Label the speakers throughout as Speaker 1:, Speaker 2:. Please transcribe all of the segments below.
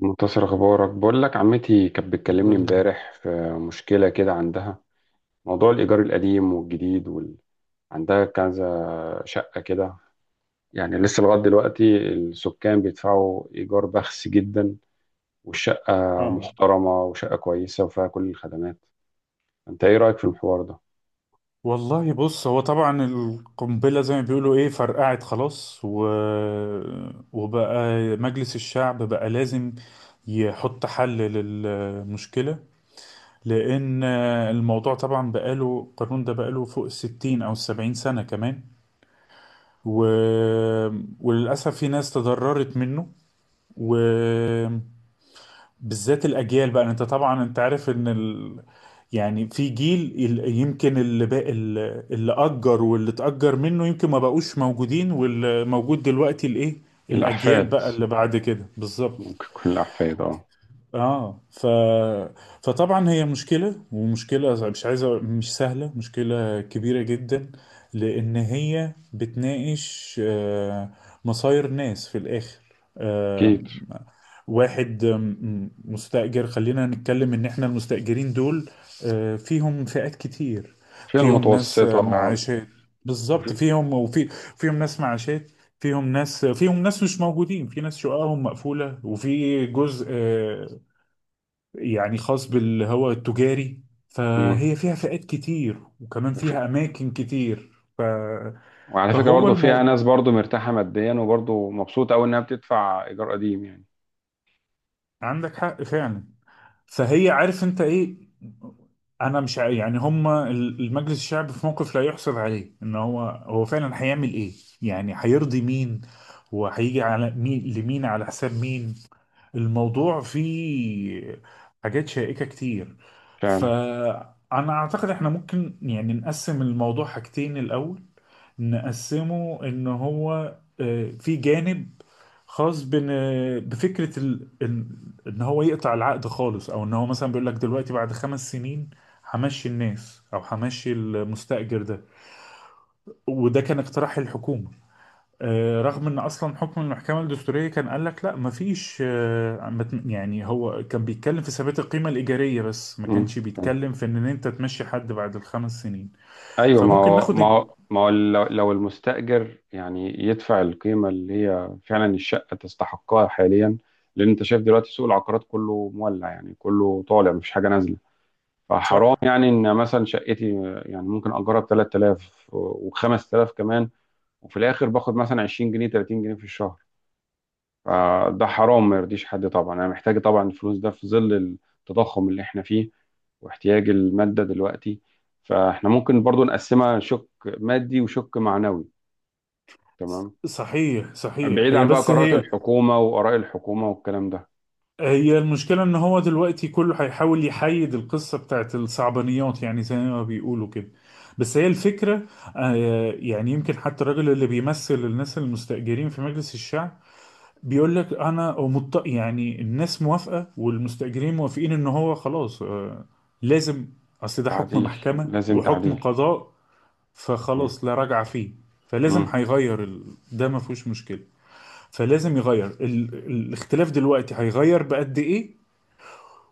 Speaker 1: منتصر، اخبارك؟ بقول لك عمتي كانت
Speaker 2: الحمد
Speaker 1: بتكلمني
Speaker 2: لله.
Speaker 1: امبارح في مشكله كده عندها. موضوع الايجار القديم والجديد عندها كذا شقه كده، يعني لسه لغايه دلوقتي السكان بيدفعوا ايجار بخس جدا، والشقه
Speaker 2: اه.
Speaker 1: محترمه وشقه كويسه وفيها كل الخدمات. انت ايه رايك في الحوار ده؟
Speaker 2: والله، بص، هو طبعا القنبلة زي ما بيقولوا ايه فرقعت خلاص وبقى مجلس الشعب بقى لازم يحط حل للمشكلة، لأن الموضوع طبعا بقاله، القانون ده بقاله فوق 60 أو 70 سنة كمان و... وللأسف في ناس تضررت منه و... بالذات الاجيال. بقى انت طبعا، انت عارف ان يعني في جيل يمكن اللي بقى اللي اجر واللي اتاجر منه يمكن ما بقوش موجودين، واللي موجود دلوقتي الايه، الاجيال
Speaker 1: الاحفاد،
Speaker 2: بقى اللي بعد كده بالظبط.
Speaker 1: ممكن تكون الاحفاد، اه.
Speaker 2: اه فطبعا هي مشكلة، ومشكلة مش عايزة، مش سهلة، مشكلة كبيرة جدا، لأن هي بتناقش مصاير ناس في الآخر. آه،
Speaker 1: اكيد.
Speaker 2: واحد مستأجر، خلينا نتكلم إن إحنا المستأجرين دول فيهم فئات كتير،
Speaker 1: فيها
Speaker 2: فيهم ناس
Speaker 1: المتوسطه.
Speaker 2: معاشات، بالظبط،
Speaker 1: وفي...
Speaker 2: فيهم فيهم ناس معاشات، فيهم ناس مش موجودين، في ناس شققهم مقفولة، وفي جزء يعني خاص بالهواء التجاري.
Speaker 1: مم.
Speaker 2: فهي فيها فئات كتير وكمان
Speaker 1: وفي...
Speaker 2: فيها أماكن كتير. ف...
Speaker 1: وعلى فكره
Speaker 2: فهو
Speaker 1: برضه فيها
Speaker 2: الموضوع،
Speaker 1: ناس برضه مرتاحه ماديا وبرضه مبسوطه قوي انها بتدفع ايجار قديم يعني.
Speaker 2: عندك حق فعلا. فهي، عارف انت ايه، انا مش ع- يعني هما المجلس الشعبي في موقف لا يحسب عليه ان هو فعلا هيعمل ايه، يعني هيرضي مين، وهيجي على مين، على حساب مين؟ الموضوع فيه حاجات شائكة كتير.
Speaker 1: فعلا.
Speaker 2: فأنا أعتقد إحنا ممكن يعني نقسم الموضوع حاجتين، الأول نقسمه إن هو في جانب خاص بفكرة إن هو يقطع العقد خالص، أو إن هو مثلا بيقول لك دلوقتي بعد 5 سنين همشي الناس، أو همشي المستأجر ده. وده كان اقتراح الحكومة، رغم ان اصلا حكم المحكمه الدستوريه كان قال لك لا مفيش، آه، ما ت- يعني هو كان بيتكلم في ثبات القيمه الايجاريه، بس ما كانش
Speaker 1: فعلا.
Speaker 2: بيتكلم في ان انت تمشي حد بعد 5 سنين.
Speaker 1: ايوه، ما
Speaker 2: فممكن
Speaker 1: هو
Speaker 2: ناخد
Speaker 1: ما هو ما هو لو المستأجر يعني يدفع القيمة اللي هي فعلا الشقة تستحقها حاليا. لأن أنت شايف دلوقتي سوق العقارات كله مولع، يعني كله طالع مفيش حاجة نازلة. فحرام
Speaker 2: صح.
Speaker 1: يعني إن مثلا شقتي يعني ممكن أجرها ب 3,000 و5000 كمان، وفي الآخر باخد مثلا 20 جنيه 30 جنيه في الشهر. فده حرام ما يرضيش حد طبعا، انا محتاج طبعا الفلوس ده في ظل التضخم اللي احنا فيه واحتياج المادة دلوقتي. فاحنا ممكن برضو نقسمها شق مادي وشق معنوي، تمام؟
Speaker 2: صحيح صحيح.
Speaker 1: بعيد
Speaker 2: هي
Speaker 1: عن بقى
Speaker 2: بس
Speaker 1: قرارات
Speaker 2: هي
Speaker 1: الحكومة وآراء الحكومة والكلام ده.
Speaker 2: هي المشكله ان هو دلوقتي كله هيحاول يحيد القصه بتاعت الصعبانيات، يعني زي ما بيقولوا كده، بس هي الفكره. يعني يمكن حتى الراجل اللي بيمثل الناس المستأجرين في مجلس الشعب بيقول لك انا يعني الناس موافقه والمستاجرين موافقين ان هو خلاص لازم، اصل ده حكم
Speaker 1: تعديل،
Speaker 2: محكمه
Speaker 1: لازم
Speaker 2: وحكم
Speaker 1: تعديل.
Speaker 2: قضاء،
Speaker 1: تمام.
Speaker 2: فخلاص لا رجعه فيه. فلازم
Speaker 1: مم.
Speaker 2: هيغير ده ما فيهوش مشكله. فلازم يغير الاختلاف دلوقتي هيغير بقد ايه،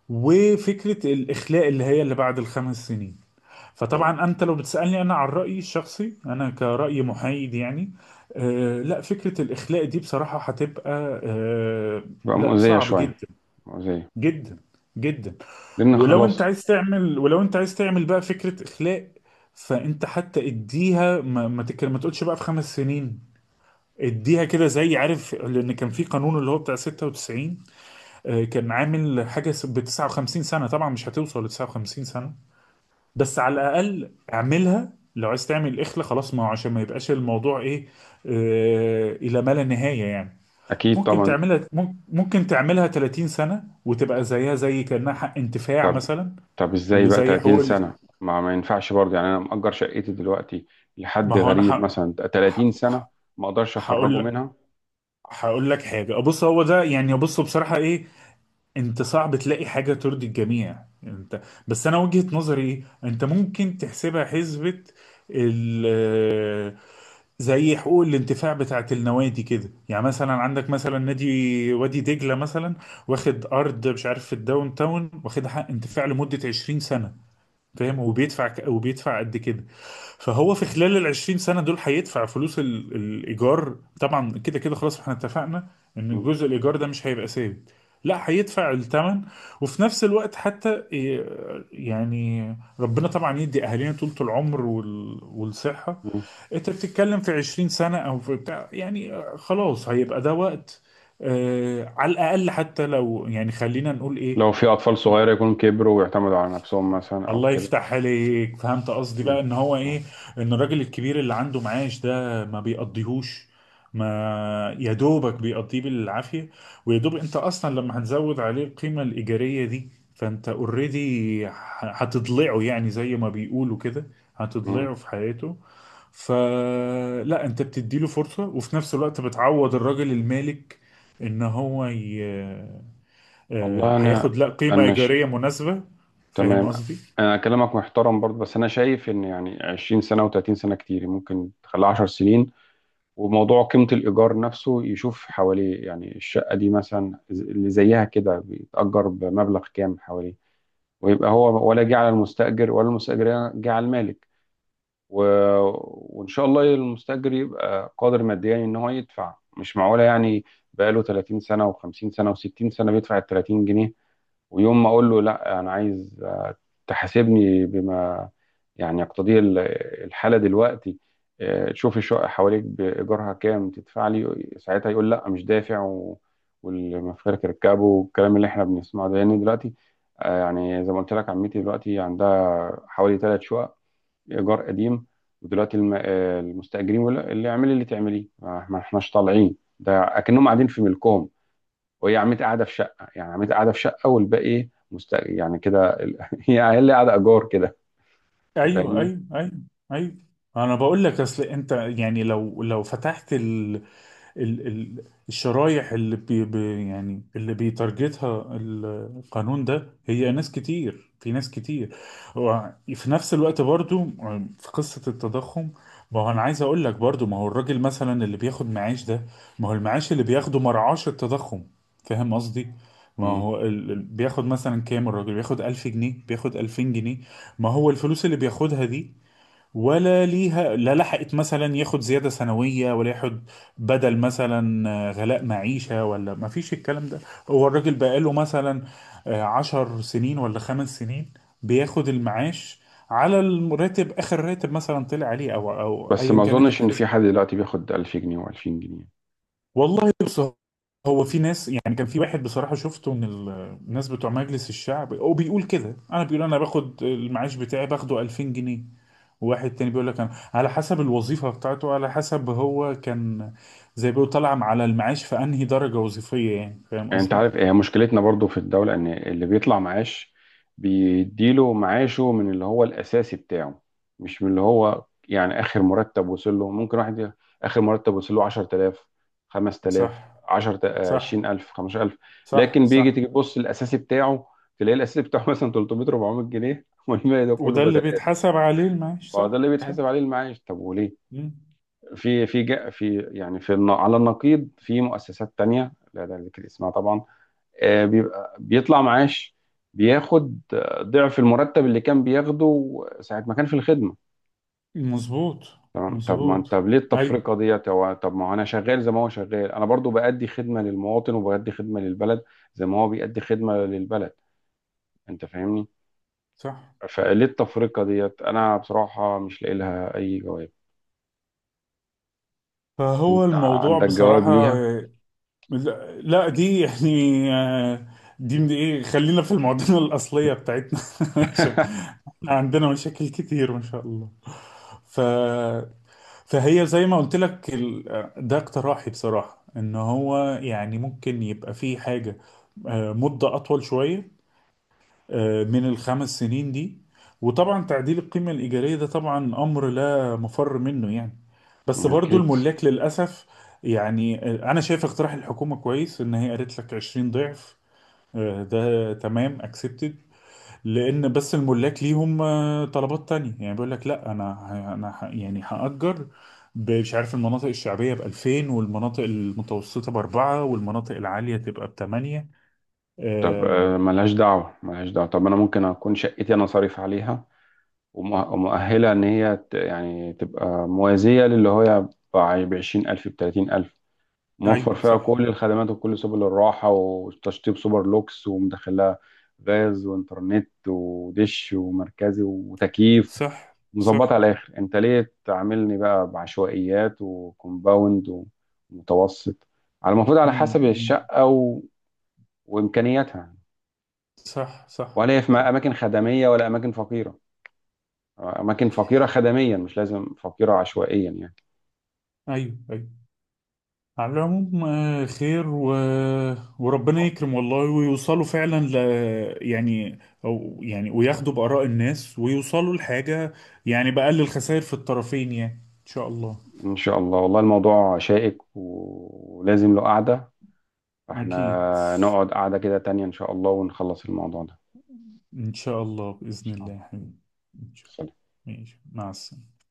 Speaker 2: وفكره الاخلاء اللي هي اللي بعد 5 سنين. فطبعا انت لو بتسالني انا عن رايي الشخصي، انا كراي محايد يعني، آه، لا، فكره الاخلاء دي بصراحه هتبقى آه،
Speaker 1: بقى
Speaker 2: لا،
Speaker 1: مؤذية
Speaker 2: صعب
Speaker 1: شوية.
Speaker 2: جدا،
Speaker 1: مؤذية.
Speaker 2: جدا، جدا.
Speaker 1: لأن
Speaker 2: ولو انت
Speaker 1: خلاص.
Speaker 2: عايز تعمل، بقى فكره اخلاء، فانت حتى اديها ما تقولش بقى في 5 سنين، اديها كده زي عارف. لان كان في قانون اللي هو بتاع 96، كان عامل حاجه ب 59 سنه، طبعا مش هتوصل ل 59، بس على الاقل اعملها. لو عايز تعمل اخلة خلاص، ما هو عشان ما يبقاش الموضوع ايه، الى ما لا نهاية يعني.
Speaker 1: أكيد
Speaker 2: ممكن
Speaker 1: طبعا.
Speaker 2: تعملها ممكن تعملها 30 سنة وتبقى زيها زي كأنها حق انتفاع
Speaker 1: طب،
Speaker 2: مثلا،
Speaker 1: طب ازاي
Speaker 2: اللي
Speaker 1: بقى
Speaker 2: زي
Speaker 1: 30
Speaker 2: حقوق.
Speaker 1: سنة؟ ما ينفعش برضه يعني. انا مأجر شقتي دلوقتي
Speaker 2: ما
Speaker 1: لحد
Speaker 2: هو انا
Speaker 1: غريب مثلا 30
Speaker 2: ح-
Speaker 1: سنة،
Speaker 2: ح-
Speaker 1: ما اقدرش اخرجه
Speaker 2: هقول لك،
Speaker 1: منها.
Speaker 2: هقول لك حاجة. بص هو ده يعني، بص بصراحة ايه، انت صعب تلاقي حاجة ترضي الجميع، انت بس انا وجهة نظري ايه، انت ممكن تحسبها حسبة ال زي حقوق الانتفاع بتاعت النوادي كده. يعني مثلا عندك مثلا نادي وادي دجلة مثلا، واخد أرض مش عارف في الداون تاون، واخد حق انتفاع لمدة 20 سنة، فاهم؟ وبيدفع وبيدفع قد كده. فهو في خلال ال 20 سنه دول هيدفع فلوس الايجار. طبعا كده كده خلاص، احنا اتفقنا ان
Speaker 1: مم.
Speaker 2: جزء الايجار ده مش هيبقى ثابت، لا هيدفع الثمن. وفي نفس الوقت حتى إيه، يعني ربنا طبعا يدي اهالينا طولة العمر والصحه.
Speaker 1: مم.
Speaker 2: انت بتتكلم في 20 سنة او في بتاع، يعني خلاص هيبقى ده وقت، على الاقل حتى، لو يعني خلينا نقول ايه،
Speaker 1: لو في اطفال صغيرة يكونوا كبروا ويعتمدوا على نفسهم مثلا او
Speaker 2: الله
Speaker 1: كده.
Speaker 2: يفتح عليك. فهمت قصدي بقى
Speaker 1: مم.
Speaker 2: ان هو
Speaker 1: مم.
Speaker 2: ايه، ان الراجل الكبير اللي عنده معاش ده ما بيقضيهوش، ما يا دوبك بيقضيه بالعافية. ويا دوب انت اصلا لما هتزود عليه القيمة الإيجارية دي، فانت اوريدي هتضلعه، يعني زي ما بيقولوا كده،
Speaker 1: مم.
Speaker 2: هتضلعه في حياته. فلا، انت بتديله فرصة، وفي نفس الوقت بتعوض الراجل المالك ان هو ي... آه،
Speaker 1: والله انا،
Speaker 2: هياخد لا قيمة
Speaker 1: انا ش...
Speaker 2: إيجارية مناسبة. فاهم
Speaker 1: تمام.
Speaker 2: قصدي؟
Speaker 1: انا كلامك محترم برضه، بس انا شايف ان يعني 20 سنة و30 سنة كتير، ممكن تخليها 10 سنين. وموضوع قيمة الإيجار نفسه يشوف حواليه، يعني الشقة دي مثلا اللي زيها كده بيتأجر بمبلغ كام حواليه، ويبقى هو ولا جه على المستأجر ولا المستأجر جه على المالك. و... وإن شاء الله المستأجر يبقى قادر ماديا إن هو يدفع. مش معقولة يعني بقاله 30 سنة و50 سنة و60 سنة بيدفع ال 30 جنيه، ويوم ما اقول له لا انا عايز، تحاسبني بما يعني يقتضيه الحاله دلوقتي، تشوف الشقه حواليك بايجارها كام تدفع لي ساعتها، يقول لا مش دافع والمفارق ركبه والكلام اللي احنا بنسمعه ده. لان دلوقتي، يعني زي ما قلت لك، عمتي دلوقتي عندها حوالي ثلاث شقق ايجار قديم، ودلوقتي المستاجرين بيقول لها اللي اعملي اللي تعمليه، ما احناش طالعين، ده اكنهم قاعدين في ملكهم. وهي عمتي قاعده في شقه، يعني عمتي قاعده في شقه والباقي مست، يعني كده هي اللي قاعده ايجار كده. انت
Speaker 2: ايوه،
Speaker 1: فاهمني.
Speaker 2: ايوه، ايوه، ايوه. انا بقول لك اصل انت، يعني لو فتحت ال- ال- الشرايح اللي يعني اللي بيتارجتها القانون ده، هي ناس كتير، في ناس كتير. وفي نفس الوقت برضو في قصة التضخم، ما هو انا عايز اقول لك برضو، ما هو الراجل مثلا اللي بياخد معاش ده، ما هو المعاش اللي بياخده مرعاش التضخم، فاهم قصدي؟ ما
Speaker 1: مم.
Speaker 2: هو بياخد مثلا كام الراجل، بياخد 1000 جنيه، بياخد 2000 جنيه. ما هو الفلوس اللي بياخدها دي، ولا ليها، لا، لحقت مثلا ياخد زيادة سنوية، ولا ياخد بدل مثلا غلاء معيشة، ولا ما فيش الكلام ده. هو الراجل بقاله مثلا 10 سنين ولا 5 سنين بياخد المعاش على الراتب، آخر راتب مثلا طلع عليه، أو
Speaker 1: بس
Speaker 2: أيا
Speaker 1: ما
Speaker 2: كانت
Speaker 1: اظنش ان في
Speaker 2: الحسبة.
Speaker 1: حد دلوقتي بياخد 1000 جنيه و2000 جنيه.
Speaker 2: والله بص، هو في ناس، يعني كان في واحد بصراحة شفته من الناس بتوع مجلس الشعب وبيقول كده، أنا بيقول، أنا باخد المعاش بتاعي باخده 2000 جنيه. واحد تاني بيقول لك انا على حسب الوظيفه بتاعته، على حسب هو كان زي، بيقول طالع على المعاش في انهي درجه وظيفيه، يعني فاهم
Speaker 1: يعني انت
Speaker 2: قصدي؟
Speaker 1: عارف هي مشكلتنا برضو في الدولة، ان اللي بيطلع معاش بيديله معاشه من اللي هو الاساسي بتاعه، مش من اللي هو يعني اخر مرتب وصل له. ممكن واحد اخر مرتب وصل له 10,000، 5,000،
Speaker 2: صح،
Speaker 1: 10،
Speaker 2: صح،
Speaker 1: 20,000، 15,000،
Speaker 2: صح،
Speaker 1: لكن
Speaker 2: صح.
Speaker 1: تيجي تبص الاساسي بتاعه، تلاقي الاساسي بتاعه مثلا 300، 400 جنيه، والباقي ده كله
Speaker 2: وده اللي
Speaker 1: بدلات.
Speaker 2: بيتحسب عليه المعاش.
Speaker 1: فده
Speaker 2: صح،
Speaker 1: اللي
Speaker 2: صح.
Speaker 1: بيتحسب عليه المعاش. طب وليه
Speaker 2: مم.
Speaker 1: في في جا- في يعني في النا- على النقيض في مؤسسات تانية، لا ده ذكر اسمها طبعا، بيبقى بيطلع معاش، بياخد ضعف المرتب اللي كان بياخده ساعة ما كان في الخدمة.
Speaker 2: مظبوط،
Speaker 1: تمام؟ طب ما
Speaker 2: مظبوط.
Speaker 1: انت ليه
Speaker 2: اي،
Speaker 1: التفرقة ديت؟ هو طب ما هو انا شغال زي ما هو شغال، انا برضو بأدي خدمة للمواطن وبأدي خدمة للبلد زي ما هو بيأدي خدمة للبلد. انت فاهمني.
Speaker 2: صح.
Speaker 1: فليه التفرقة ديت؟ انا بصراحة مش لاقي لها اي جواب.
Speaker 2: فهو
Speaker 1: انت
Speaker 2: الموضوع
Speaker 1: عندك جواب
Speaker 2: بصراحه
Speaker 1: ليها؟
Speaker 2: لا، لا، دي يعني آه، دي من ايه، خلينا في المعضله الاصليه بتاعتنا عشان عندنا مشاكل كتير ما شاء الله. ف فهي زي ما قلت لك ده اقتراحي بصراحة، ان هو يعني ممكن يبقى فيه حاجة مدة اطول شوية من 5 سنين دي. وطبعا تعديل القيمة الإيجارية ده طبعا امر لا مفر منه يعني، بس برضو
Speaker 1: اكيد.
Speaker 2: الملاك للأسف. يعني انا شايف اقتراح الحكومة كويس، ان هي قالت لك 20 ضعف، ده تمام accepted، لان بس الملاك ليهم طلبات تانية، يعني بيقول لك لا، انا انا يعني هأجر مش عارف، المناطق الشعبية ب 2000، والمناطق المتوسطة بأربعة، والمناطق العالية تبقى بثمانية.
Speaker 1: طب،
Speaker 2: آه
Speaker 1: ملهاش دعوة، ملهاش دعوة. طب انا ممكن اكون شقتي انا صارف عليها ومؤهلة إن هي يعني تبقى موازية للي هو بعشرين ألف بتلاتين ألف، موفر
Speaker 2: أيوة،
Speaker 1: فيها
Speaker 2: صح،
Speaker 1: كل الخدمات وكل سبل الراحة وتشطيب سوبر لوكس، ومدخلها غاز وإنترنت ودش ومركزي وتكييف،
Speaker 2: صح،
Speaker 1: مظبط
Speaker 2: صح.
Speaker 1: على الآخر. أنت ليه تعاملني بقى بعشوائيات وكومباوند ومتوسط؟ على المفروض على حسب
Speaker 2: امم،
Speaker 1: الشقة وإمكانياتها،
Speaker 2: صح، صح،
Speaker 1: ولا هي في
Speaker 2: صح.
Speaker 1: أماكن خدمية ولا أماكن فقيرة. أماكن فقيرة خدميا مش لازم فقيرة عشوائيا يعني.
Speaker 2: أيوة، أيوة. على العموم خير وربنا يكرم والله، ويوصلوا فعلا يعني، او يعني وياخدوا بآراء الناس ويوصلوا لحاجة، يعني بأقل الخسائر في الطرفين يعني. ان شاء الله.
Speaker 1: إن شاء الله. والله الموضوع شائك ولازم له قعدة،
Speaker 2: اكيد.
Speaker 1: فإحنا نقعد قعدة كده تانية إن شاء الله ونخلص الموضوع ده.
Speaker 2: ان شاء الله،
Speaker 1: إن
Speaker 2: بإذن
Speaker 1: شاء
Speaker 2: الله يا حبيبي. ان شاء
Speaker 1: الله.
Speaker 2: الله، ماشي، مع السلامة.